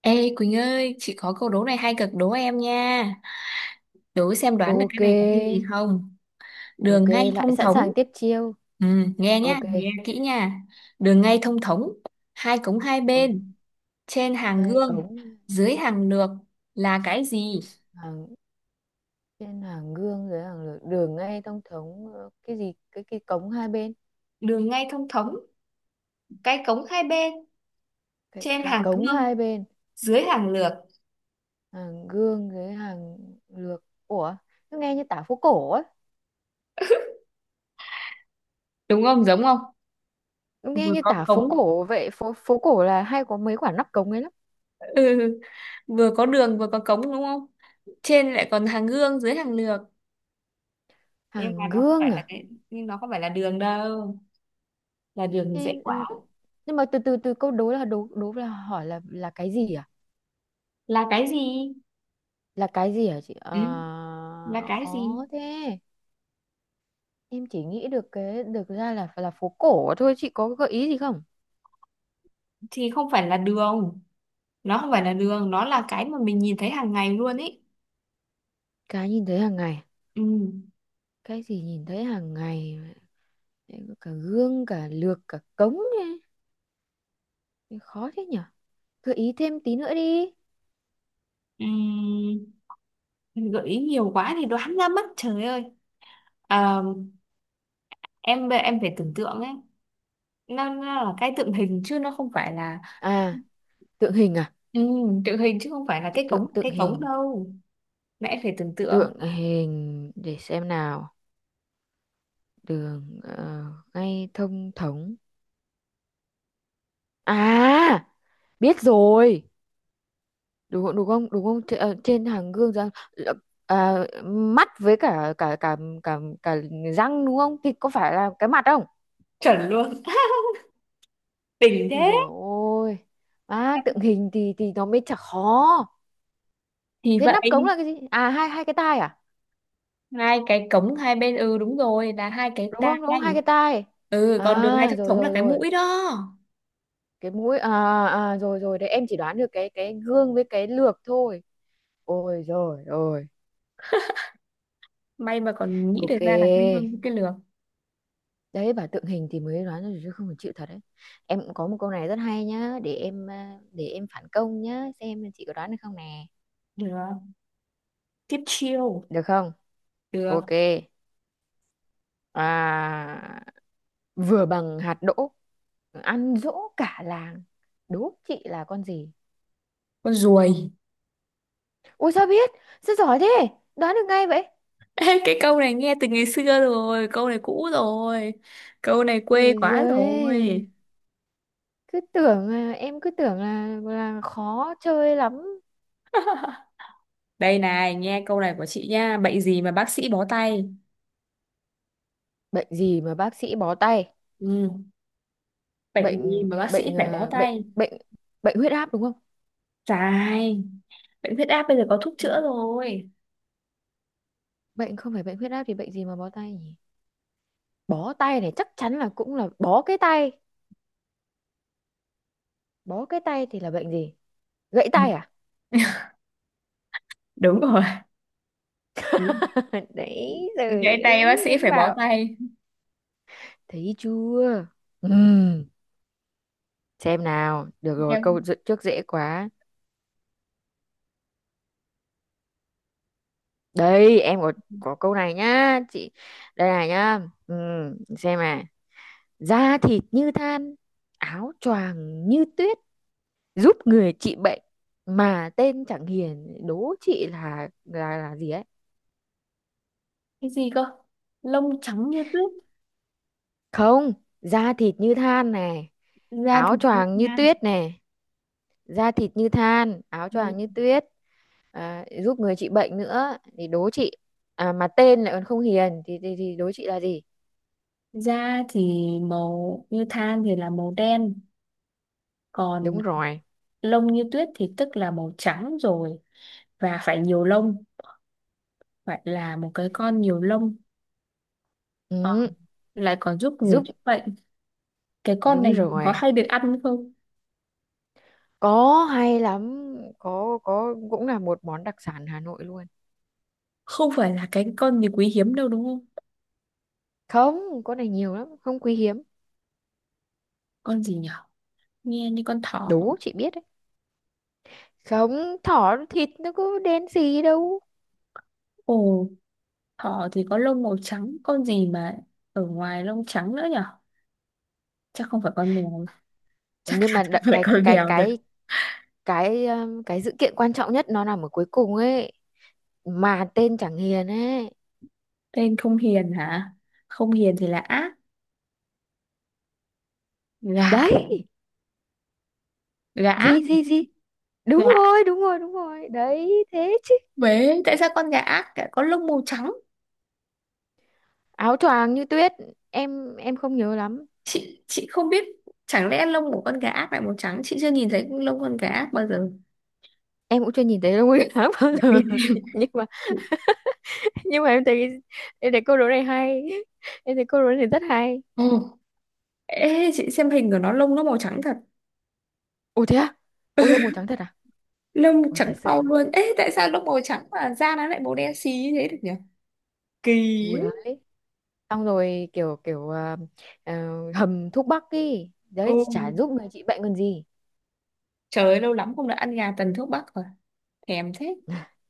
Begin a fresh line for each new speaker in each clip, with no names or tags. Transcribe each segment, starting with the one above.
Ê Quỳnh ơi, chị có câu đố này hay cực đố em nha. Đố xem đoán được cái
Ok,
này là cái gì không?
ok,
Đường ngay
lại
thông
sẵn
thống.
sàng tiếp chiêu.
Ừ, nghe nhá,
Ok,
nghe kỹ nha. Đường ngay thông thống, hai cống hai
ừ.
bên, trên hàng
Hai
gương,
cống
dưới hàng lược là cái gì?
hàng trên hàng gương dưới hàng lược, đường ngay thông thống, cái gì? Cái cống hai bên,
Đường ngay thông thống, cái cống hai bên,
cái
trên
cái
hàng
cống
gương,
hai bên,
dưới hàng lược.
hàng gương dưới hàng lược. Ủa, nó nghe như tả phố cổ ấy,
Đúng không? Giống không?
nó nghe
Vừa
như
có
tả phố
cống,
cổ vậy. Phố phố cổ là hay có mấy quả nắp cống ấy lắm.
ừ, vừa có đường vừa có cống đúng không? Trên lại còn hàng gương, dưới hàng lược. Nhưng mà
Hàng
nó không
gương
phải là
à?
cái nhưng nó không phải là đường đâu Là đường thì dễ
Thế, ừ,
quá.
nhưng mà từ từ từ câu đố là đố, đố là hỏi, là cái gì à?
Là cái gì?
Là cái gì hả chị à?
Ừ, là cái gì?
Khó thế. Em chỉ nghĩ được cái, được ra là phố cổ thôi. Chị có gợi ý gì không?
Thì không phải là đường. Nó không phải là đường, nó là cái mà mình nhìn thấy hàng ngày luôn ấy.
Cái nhìn thấy hàng ngày,
Ừ.
cái gì nhìn thấy hàng ngày? Em có cả gương, cả lược, cả cống ấy. Thế khó thế nhở, gợi ý thêm tí nữa đi.
Ừ. Gợi ý nhiều quá thì đoán ra mất, trời ơi. Ờ, em phải tưởng tượng ấy. Nó là cái tượng hình chứ nó không phải là
À, tượng hình à?
ừ, tượng hình chứ không phải là cái
Tượng,
cống cái cống
hình
đâu. Mẹ phải tưởng tượng.
tượng hình để xem nào. Đường ngay thông thống. À, biết rồi. Đúng không? Trên hàng gương răng là- à, mắt với cả, cả cả cả cả răng. Đúng không? Thì có phải là cái mặt không?
Chuẩn luôn. Đỉnh
Ui
thế.
rồi, ôi à, tượng hình thì nó mới chả khó.
Thì
Thế nắp cống
vậy.
là cái gì à? Hai Hai cái tai à?
Hai cái cống hai bên, ừ đúng rồi, là hai cái
Đúng
tai.
không? Hai cái tai.
Ừ, còn đường ngay
À
thông
rồi,
thống là
rồi
cái
rồi
mũi đó.
Cái mũi à? À rồi rồi đấy. Em chỉ đoán được cái gương với cái lược thôi. Ôi rồi rồi.
May mà còn nghĩ được
Ok,
ra là cái hương cái lược.
đấy, bà tượng hình thì mới đoán được chứ không phải chịu thật đấy. Em cũng có một câu này rất hay nhá, để em, để em phản công nhá, xem chị có đoán được không nè.
Được, tiếp chiêu.
Được không?
Được.
Ok. À, vừa bằng hạt đỗ, ăn dỗ cả làng, đố chị là con gì?
Con ruồi.
Ôi sao biết, sao giỏi thế, đoán được ngay vậy.
Ê, cái câu này nghe từ ngày xưa rồi, câu này cũ rồi, câu này
Ôi
quê quá
giời,
rồi.
cứ tưởng là, em cứ tưởng là khó chơi lắm.
Đây này, nghe câu này của chị nha. Bệnh gì mà bác sĩ bó tay?
Bệnh gì mà bác sĩ bó tay?
Ừ. Bệnh gì
bệnh
mà bác sĩ
bệnh
phải bó
à? Bệnh
tay?
bệnh bệnh huyết áp đúng không?
Dài. Bệnh huyết áp bây giờ có thuốc
Bệnh,
chữa rồi.
bệnh không phải bệnh huyết áp thì bệnh gì mà bó tay nhỉ? Bó tay này chắc chắn là cũng là bó cái tay. Bó cái tay thì là bệnh gì? Gãy
Ừ,
tay à?
đúng rồi. Ừ.
Đấy rồi
Gãy tay bác
ơi,
sĩ
em
phải bó
bảo.
tay.
Thấy chưa? Ừm, xem nào. Được rồi,
Em.
trước dễ quá. Đây, em có câu này nhá, chị. Đây này nhá. Xem à. Da thịt như than, áo choàng như tuyết, giúp người trị bệnh mà tên chẳng hiền, đố chị là gì ấy?
Cái gì cơ? Lông trắng như tuyết.
Không, da thịt như than này,
Da thì
áo
như
choàng như
than.
tuyết này, da thịt như than, áo
Ừ.
choàng như tuyết, à, giúp người trị bệnh nữa thì đố chị. À, mà tên lại còn không hiền thì thì đố chị là gì?
Da thì màu như than thì là màu đen. Còn
Đúng rồi.
lông như tuyết thì tức là màu trắng rồi, và phải nhiều lông, phải là một cái con nhiều lông. Ờ,
Ừ,
lại còn giúp người
giúp,
chữa bệnh. Cái con
đúng
này có
rồi.
hay được ăn không?
Có, hay lắm, có, cũng là một món đặc sản Hà Nội luôn.
Không phải là cái con gì quý hiếm đâu đúng không?
Không, con này nhiều lắm, không quý hiếm.
Con gì nhở? Nghe như con thỏ.
Đố chị biết đấy. Không, thỏ thịt nó có đen gì đâu.
Ồ. Thỏ thì có lông màu trắng, con gì mà ở ngoài lông trắng nữa nhở? Chắc không phải con mèo, chắc
Nhưng
chắn
mà
không
đợi,
phải con mèo rồi.
cái sự kiện quan trọng nhất nó nằm ở cuối cùng ấy, mà tên chẳng hiền ấy.
Tên không hiền hả? Không hiền thì là ác. Gã,
Đấy,
gã,
gì gì gì
gã.
đúng rồi đấy thế chứ.
Bế, tại sao con gã ác lại có lông màu trắng?
Áo choàng như tuyết. Em không nhớ lắm.
Chị không biết, chẳng lẽ lông của con gã ác lại màu trắng? Chị chưa nhìn thấy lông con gã ác bao giờ.
Em cũng chưa nhìn thấy đâu, Nguyên tháng bao giờ. Nhưng mà, nhưng mà em thấy, em thấy câu đố này hay, em thấy câu đố này rất hay.
Ồ, ê, chị xem hình của nó lông nó màu trắng thật.
Ủa thế à? Ôi lông màu trắng thật à?
Lông
Ôi thật
trắng
sự
au
luôn.
luôn. Ê, tại sao lông màu trắng mà da nó lại màu đen xí như thế được nhỉ? Kỳ
Ủa.
ấy.
Đấy, xong rồi, kiểu kiểu ờ, hầm thuốc bắc ý đấy, chả
Ừ.
giúp người trị bệnh còn gì.
Trời ơi, lâu lắm không được ăn gà tần thuốc bắc rồi. Thèm thế.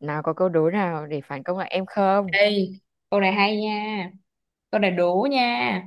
Nào, có câu đố nào để phản công lại em không?
Đây, câu này hay nha. Câu này đố nha.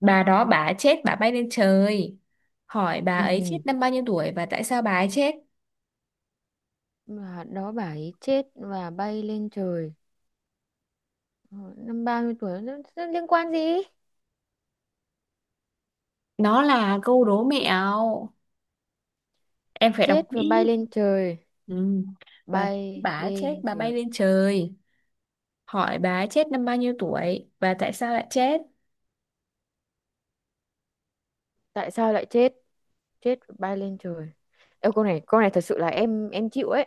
Bà đó bà chết bà bay lên trời. Hỏi bà ấy
Ừ,
chết năm bao nhiêu tuổi và tại sao bà ấy chết?
mà đó bà ấy chết và bay lên trời. Ờ, năm 30 tuổi nó liên quan gì?
Nó là câu đố mẹo. Em phải đọc
Chết và bay
kỹ.
lên trời,
Ừ. Bà
bay
bà ấy chết
lên
bà bay
trời,
lên trời. Hỏi bà ấy chết năm bao nhiêu tuổi và tại sao lại chết?
tại sao lại chết? Chết và bay lên trời. Ê, câu này, câu này thật sự là em, chịu ấy.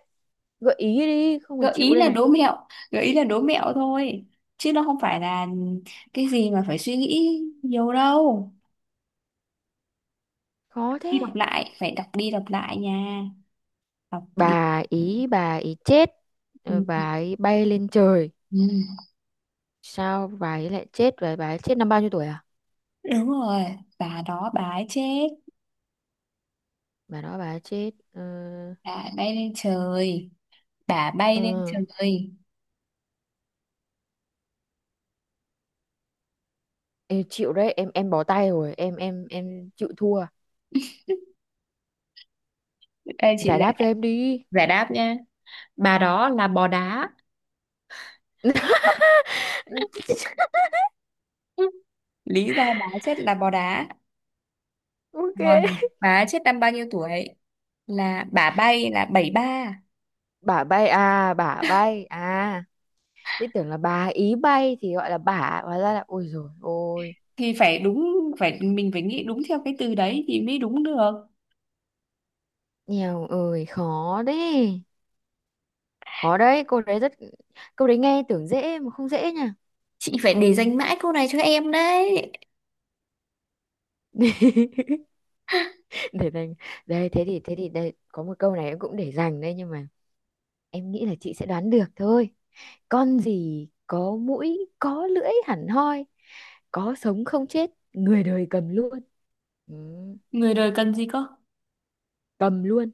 Gợi ý đi, không mà
Gợi
chịu
ý
đây
là
này.
đố mẹo, gợi ý là đố mẹo thôi. Chứ nó không phải là cái gì mà phải suy nghĩ nhiều đâu.
Khó
Khi
thế.
đọc lại phải đọc đi đọc lại nha, đọc đi.
Bà ý, bà ý chết, ờ,
Ừ.
bà ấy bay lên trời.
Ừ.
Sao bà ấy lại chết và bà ấy chết năm bao nhiêu tuổi à?
Đúng rồi. Bà đó bà ấy chết,
Bà đó bà ấy chết. Ờ,
bà bay lên trời, bà
ờ,
bay lên trời.
em chịu đấy, em bó tay rồi, em chịu thua.
Đây chị
Giải đáp cho em đi.
giải đáp nha. Bà đó là bò đá. Ừ. Lý do bà ấy chết là bò đá.
Ok.
Còn bà ấy chết năm bao nhiêu tuổi là bà bay là 73.
Bả bay à? Bả bay à? Thế tưởng là bà ý bay thì gọi là bả, hóa ra là, ôi rồi ôi.
Thì phải đúng, phải mình phải nghĩ đúng theo cái từ đấy thì mới đúng được.
Nghèo ơi khó đấy, khó đấy cô đấy, câu đấy nghe tưởng dễ mà không dễ nha.
Chị phải để dành mãi câu này cho em đấy.
Để dành. Đây thế thì, thế thì đây có một câu này em cũng để dành đây, nhưng mà em nghĩ là chị sẽ đoán được thôi. Con gì có mũi có lưỡi hẳn hoi, có sống không chết, người đời cầm luôn. Ừ,
Người đời cần gì cơ?
cầm luôn.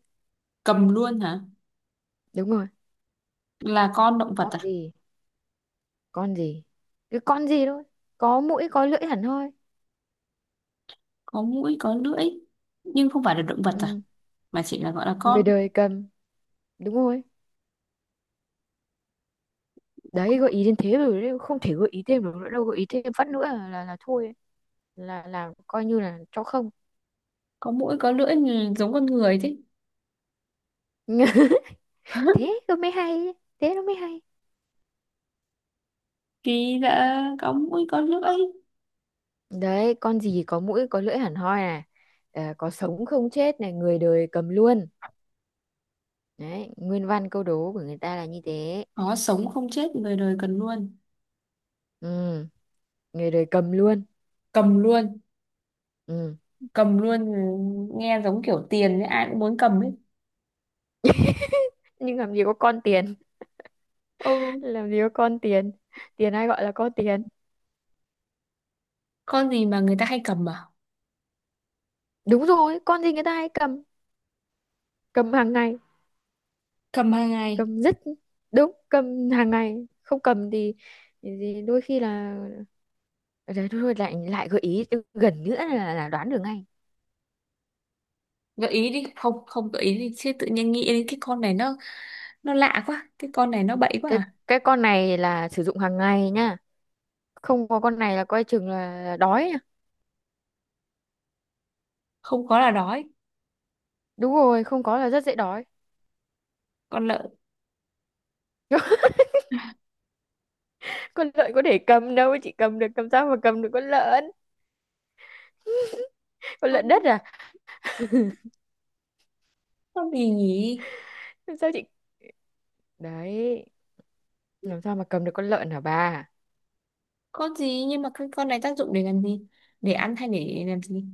Cầm luôn hả?
Đúng rồi.
Là con động vật
Con
à?
gì? Con gì cái con gì thôi? Có mũi có lưỡi hẳn hoi.
Có mũi, có lưỡi. Nhưng không phải là động vật à?
Ừ,
Mà chỉ là gọi là
người
con.
đời cầm. Đúng rồi đấy, gợi ý đến thế rồi đấy, không thể gợi ý thêm được nữa đâu, gợi ý thêm phát nữa là thôi ấy. Là coi như là cho không.
Có mũi, có lưỡi thì giống con người thế.
Thế nó mới hay, thế nó mới hay.
Kỳ lạ, có mũi, có lưỡi.
Đấy, con gì có mũi có lưỡi hẳn hoi à? Ờ, có sống không chết này, người đời cầm luôn. Đấy, nguyên văn câu đố của người ta là như thế.
Có sống không chết, người đời cần luôn.
Ừ, người đời cầm luôn.
Cầm luôn.
Ừ.
Cầm luôn ừ, nghe giống kiểu tiền ấy, ai cũng muốn cầm ấy.
Nhưng làm gì có con tiền.
Ừ.
Làm gì có con tiền. Tiền ai gọi là có tiền?
Con gì mà người ta hay cầm à?
Đúng rồi, con gì người ta hay cầm, cầm hàng ngày.
Cầm hàng ngày.
Cầm rất đúng cầm hàng ngày. Không cầm thì đôi khi là, đấy thôi thôi, lại lại gợi ý gần nữa là đoán được ngay.
Gợi ý đi. Không, không gợi ý đi. Chứ tự nhiên nghĩ đến cái con này nó lạ quá. Cái con này nó bậy quá
cái
à?
cái con này là sử dụng hàng ngày nha, không có con này là coi chừng là đói nha.
Không có là đói.
Đúng rồi, không có là rất dễ đói.
Con
Con lợn có để cầm đâu chị, cầm được, cầm sao mà cầm được con lợn. Con lợn đất
lợn.
à?
Con gì nhỉ?
Làm sao chị, đấy, làm sao mà cầm được con lợn hả bà.
Con gì nhưng mà cái con này tác dụng để làm gì, để ăn hay để làm gì?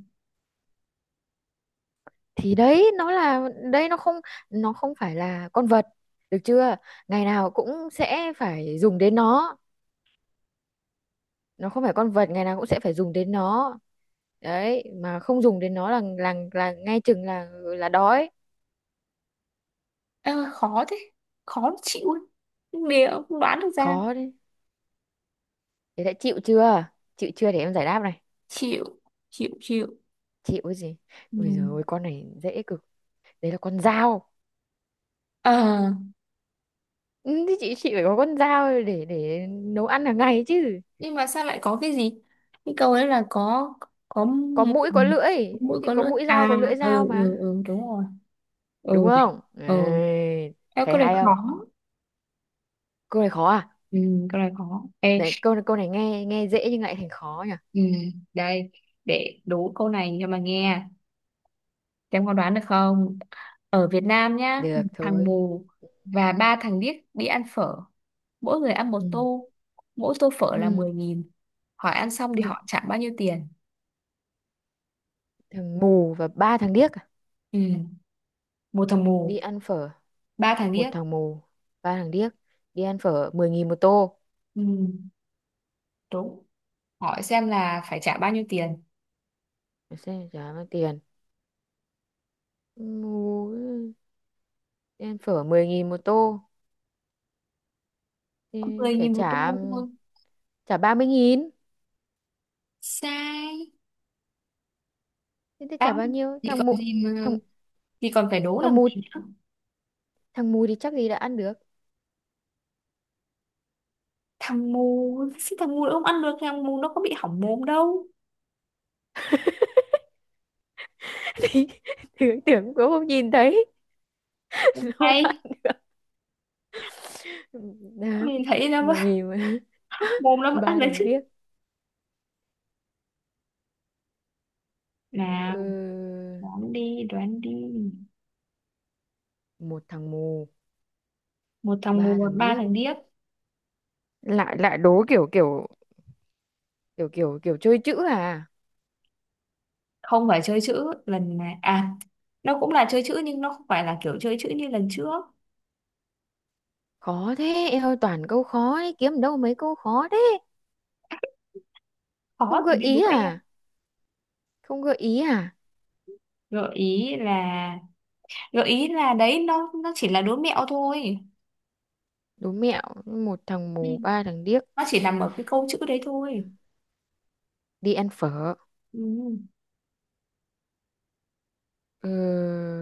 Thì đấy, nó là đây, nó không, nó không phải là con vật, được chưa? Ngày nào cũng sẽ phải dùng đến nó không phải con vật, ngày nào cũng sẽ phải dùng đến nó đấy, mà không dùng đến nó là ngay chừng là đói
Ơ, khó thế, khó chịu ấy. Liệu không đoán được ra.
khó đấy. Thế đã chịu chưa? Chịu chưa để em giải đáp này?
Chịu, chịu, chịu.
Chịu cái gì?
Ừ.
Ôi giời ơi, con này dễ cực. Đấy là con dao.
Ờ,
Ừ, thì chị, phải có con dao để nấu ăn hàng ngày chứ.
nhưng mà sao lại có cái gì, cái câu ấy là có
Có
mũi.
mũi có lưỡi
Mũi
thì
có
có
lưỡi
mũi dao
à?
có lưỡi dao
Ừ, ừ,
mà.
ừ, đúng rồi.
Đúng
Ừ.
không?
Ừ.
Đấy,
Ê,
thấy
câu này
hay không?
khó.
Câu này khó à?
Ừ, câu này khó. Ê,
Đấy, câu câu này nghe nghe dễ nhưng lại thành khó nhỉ.
ừ, đây, để đố câu này cho mà nghe. Em có đoán được không? Ở Việt Nam nhá,
Được
thằng
thôi.
mù và ba thằng điếc đi ăn phở. Mỗi người ăn một
Ừ.
tô. Mỗi tô phở là
Ừ.
10.000. Hỏi ăn xong thì
Úi giời,
họ trả bao nhiêu tiền?
thằng mù và ba thằng điếc à?
Ừ. Một thằng
Đi
mù,
ăn phở,
ba thằng
một
điếc.
thằng mù, ba thằng điếc, đi ăn phở mười 000 một tô.
Ừ. Đúng. Hỏi xem là phải trả bao nhiêu tiền?
Để xem trả bao tiền. Mú, em phở 10.000 một tô thì
Mười
phải
nghìn một
trả
tô thôi.
trả ba mươi nghìn.
Sai.
Thế thì trả
Đáp
bao nhiêu?
thì
Thằng
còn
mụ,
gì mà,
Thằng
thì còn phải đố
thằng
làm
mù.
gì nữa.
Thằng mù thì chắc gì đã ăn được.
Thằng mù, thằng mù nó không ăn được. Thằng mù nó có bị hỏng mồm đâu.
Thì tưởng, cũng không nhìn thấy. Nó không ăn
Hay
được. Đó,
nhìn thấy nó vẫn-
10.000 mà.
mồm nó vẫn ăn
Ba
được
thằng điếc.
chứ. Nào,
Ừ,
đoán đi, đoán đi.
một thằng mù,
Một thằng
ba
mù,
thằng
ba
điếc.
thằng điếc.
Lại lại đố kiểu, kiểu kiểu chơi chữ à?
Không phải chơi chữ lần này. À, nó cũng là chơi chữ nhưng nó không phải là kiểu chơi chữ như lần trước.
Khó thế, em ơi, toàn câu khó ấy, kiếm đâu mấy câu khó thế.
Khó
Không
thì
gợi
mới đố
ý
em.
à? Không gợi ý à?
Gợi ý là... Gợi ý là đấy, nó chỉ là đố mẹo thôi.
Đố mẹo, một thằng
Ừ.
mù, ba thằng điếc,
Nó chỉ nằm ở cái câu chữ đấy thôi.
đi ăn phở.
Ừ.
Ờ,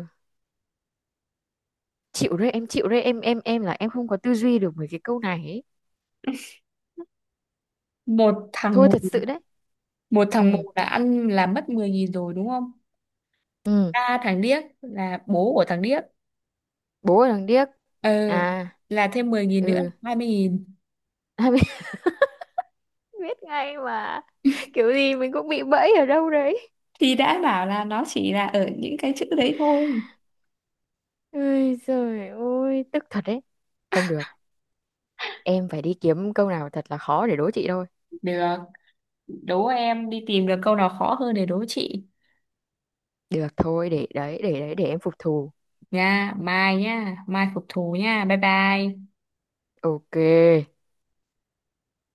chịu đấy, em chịu đấy, em, em là em không có tư duy được mấy cái câu này ấy.
Một thằng
Thôi
mù.
thật sự đấy.
Một thằng mù
Ừ,
là ăn là mất 10.000 rồi đúng không?
ừ,
Ba thằng điếc là bố của thằng điếc.
bố là thằng điếc.
Ừ,
À,
là thêm 10.000 nữa,
ừ.
20.000.
À, biết, biết ngay mà. Kiểu gì mình cũng bị bẫy ở đâu đấy.
Thì đã bảo là nó chỉ là ở những cái chữ đấy thôi.
Ôi trời ơi, tức thật đấy. Không được. Em phải đi kiếm câu nào thật là khó để đố chị thôi.
Được, đố em đi tìm được câu nào khó hơn để đố chị.
Được thôi. Để đấy, để đấy để em phục thù.
Nha mai, nha mai phục thù nha, bye bye.
Ok.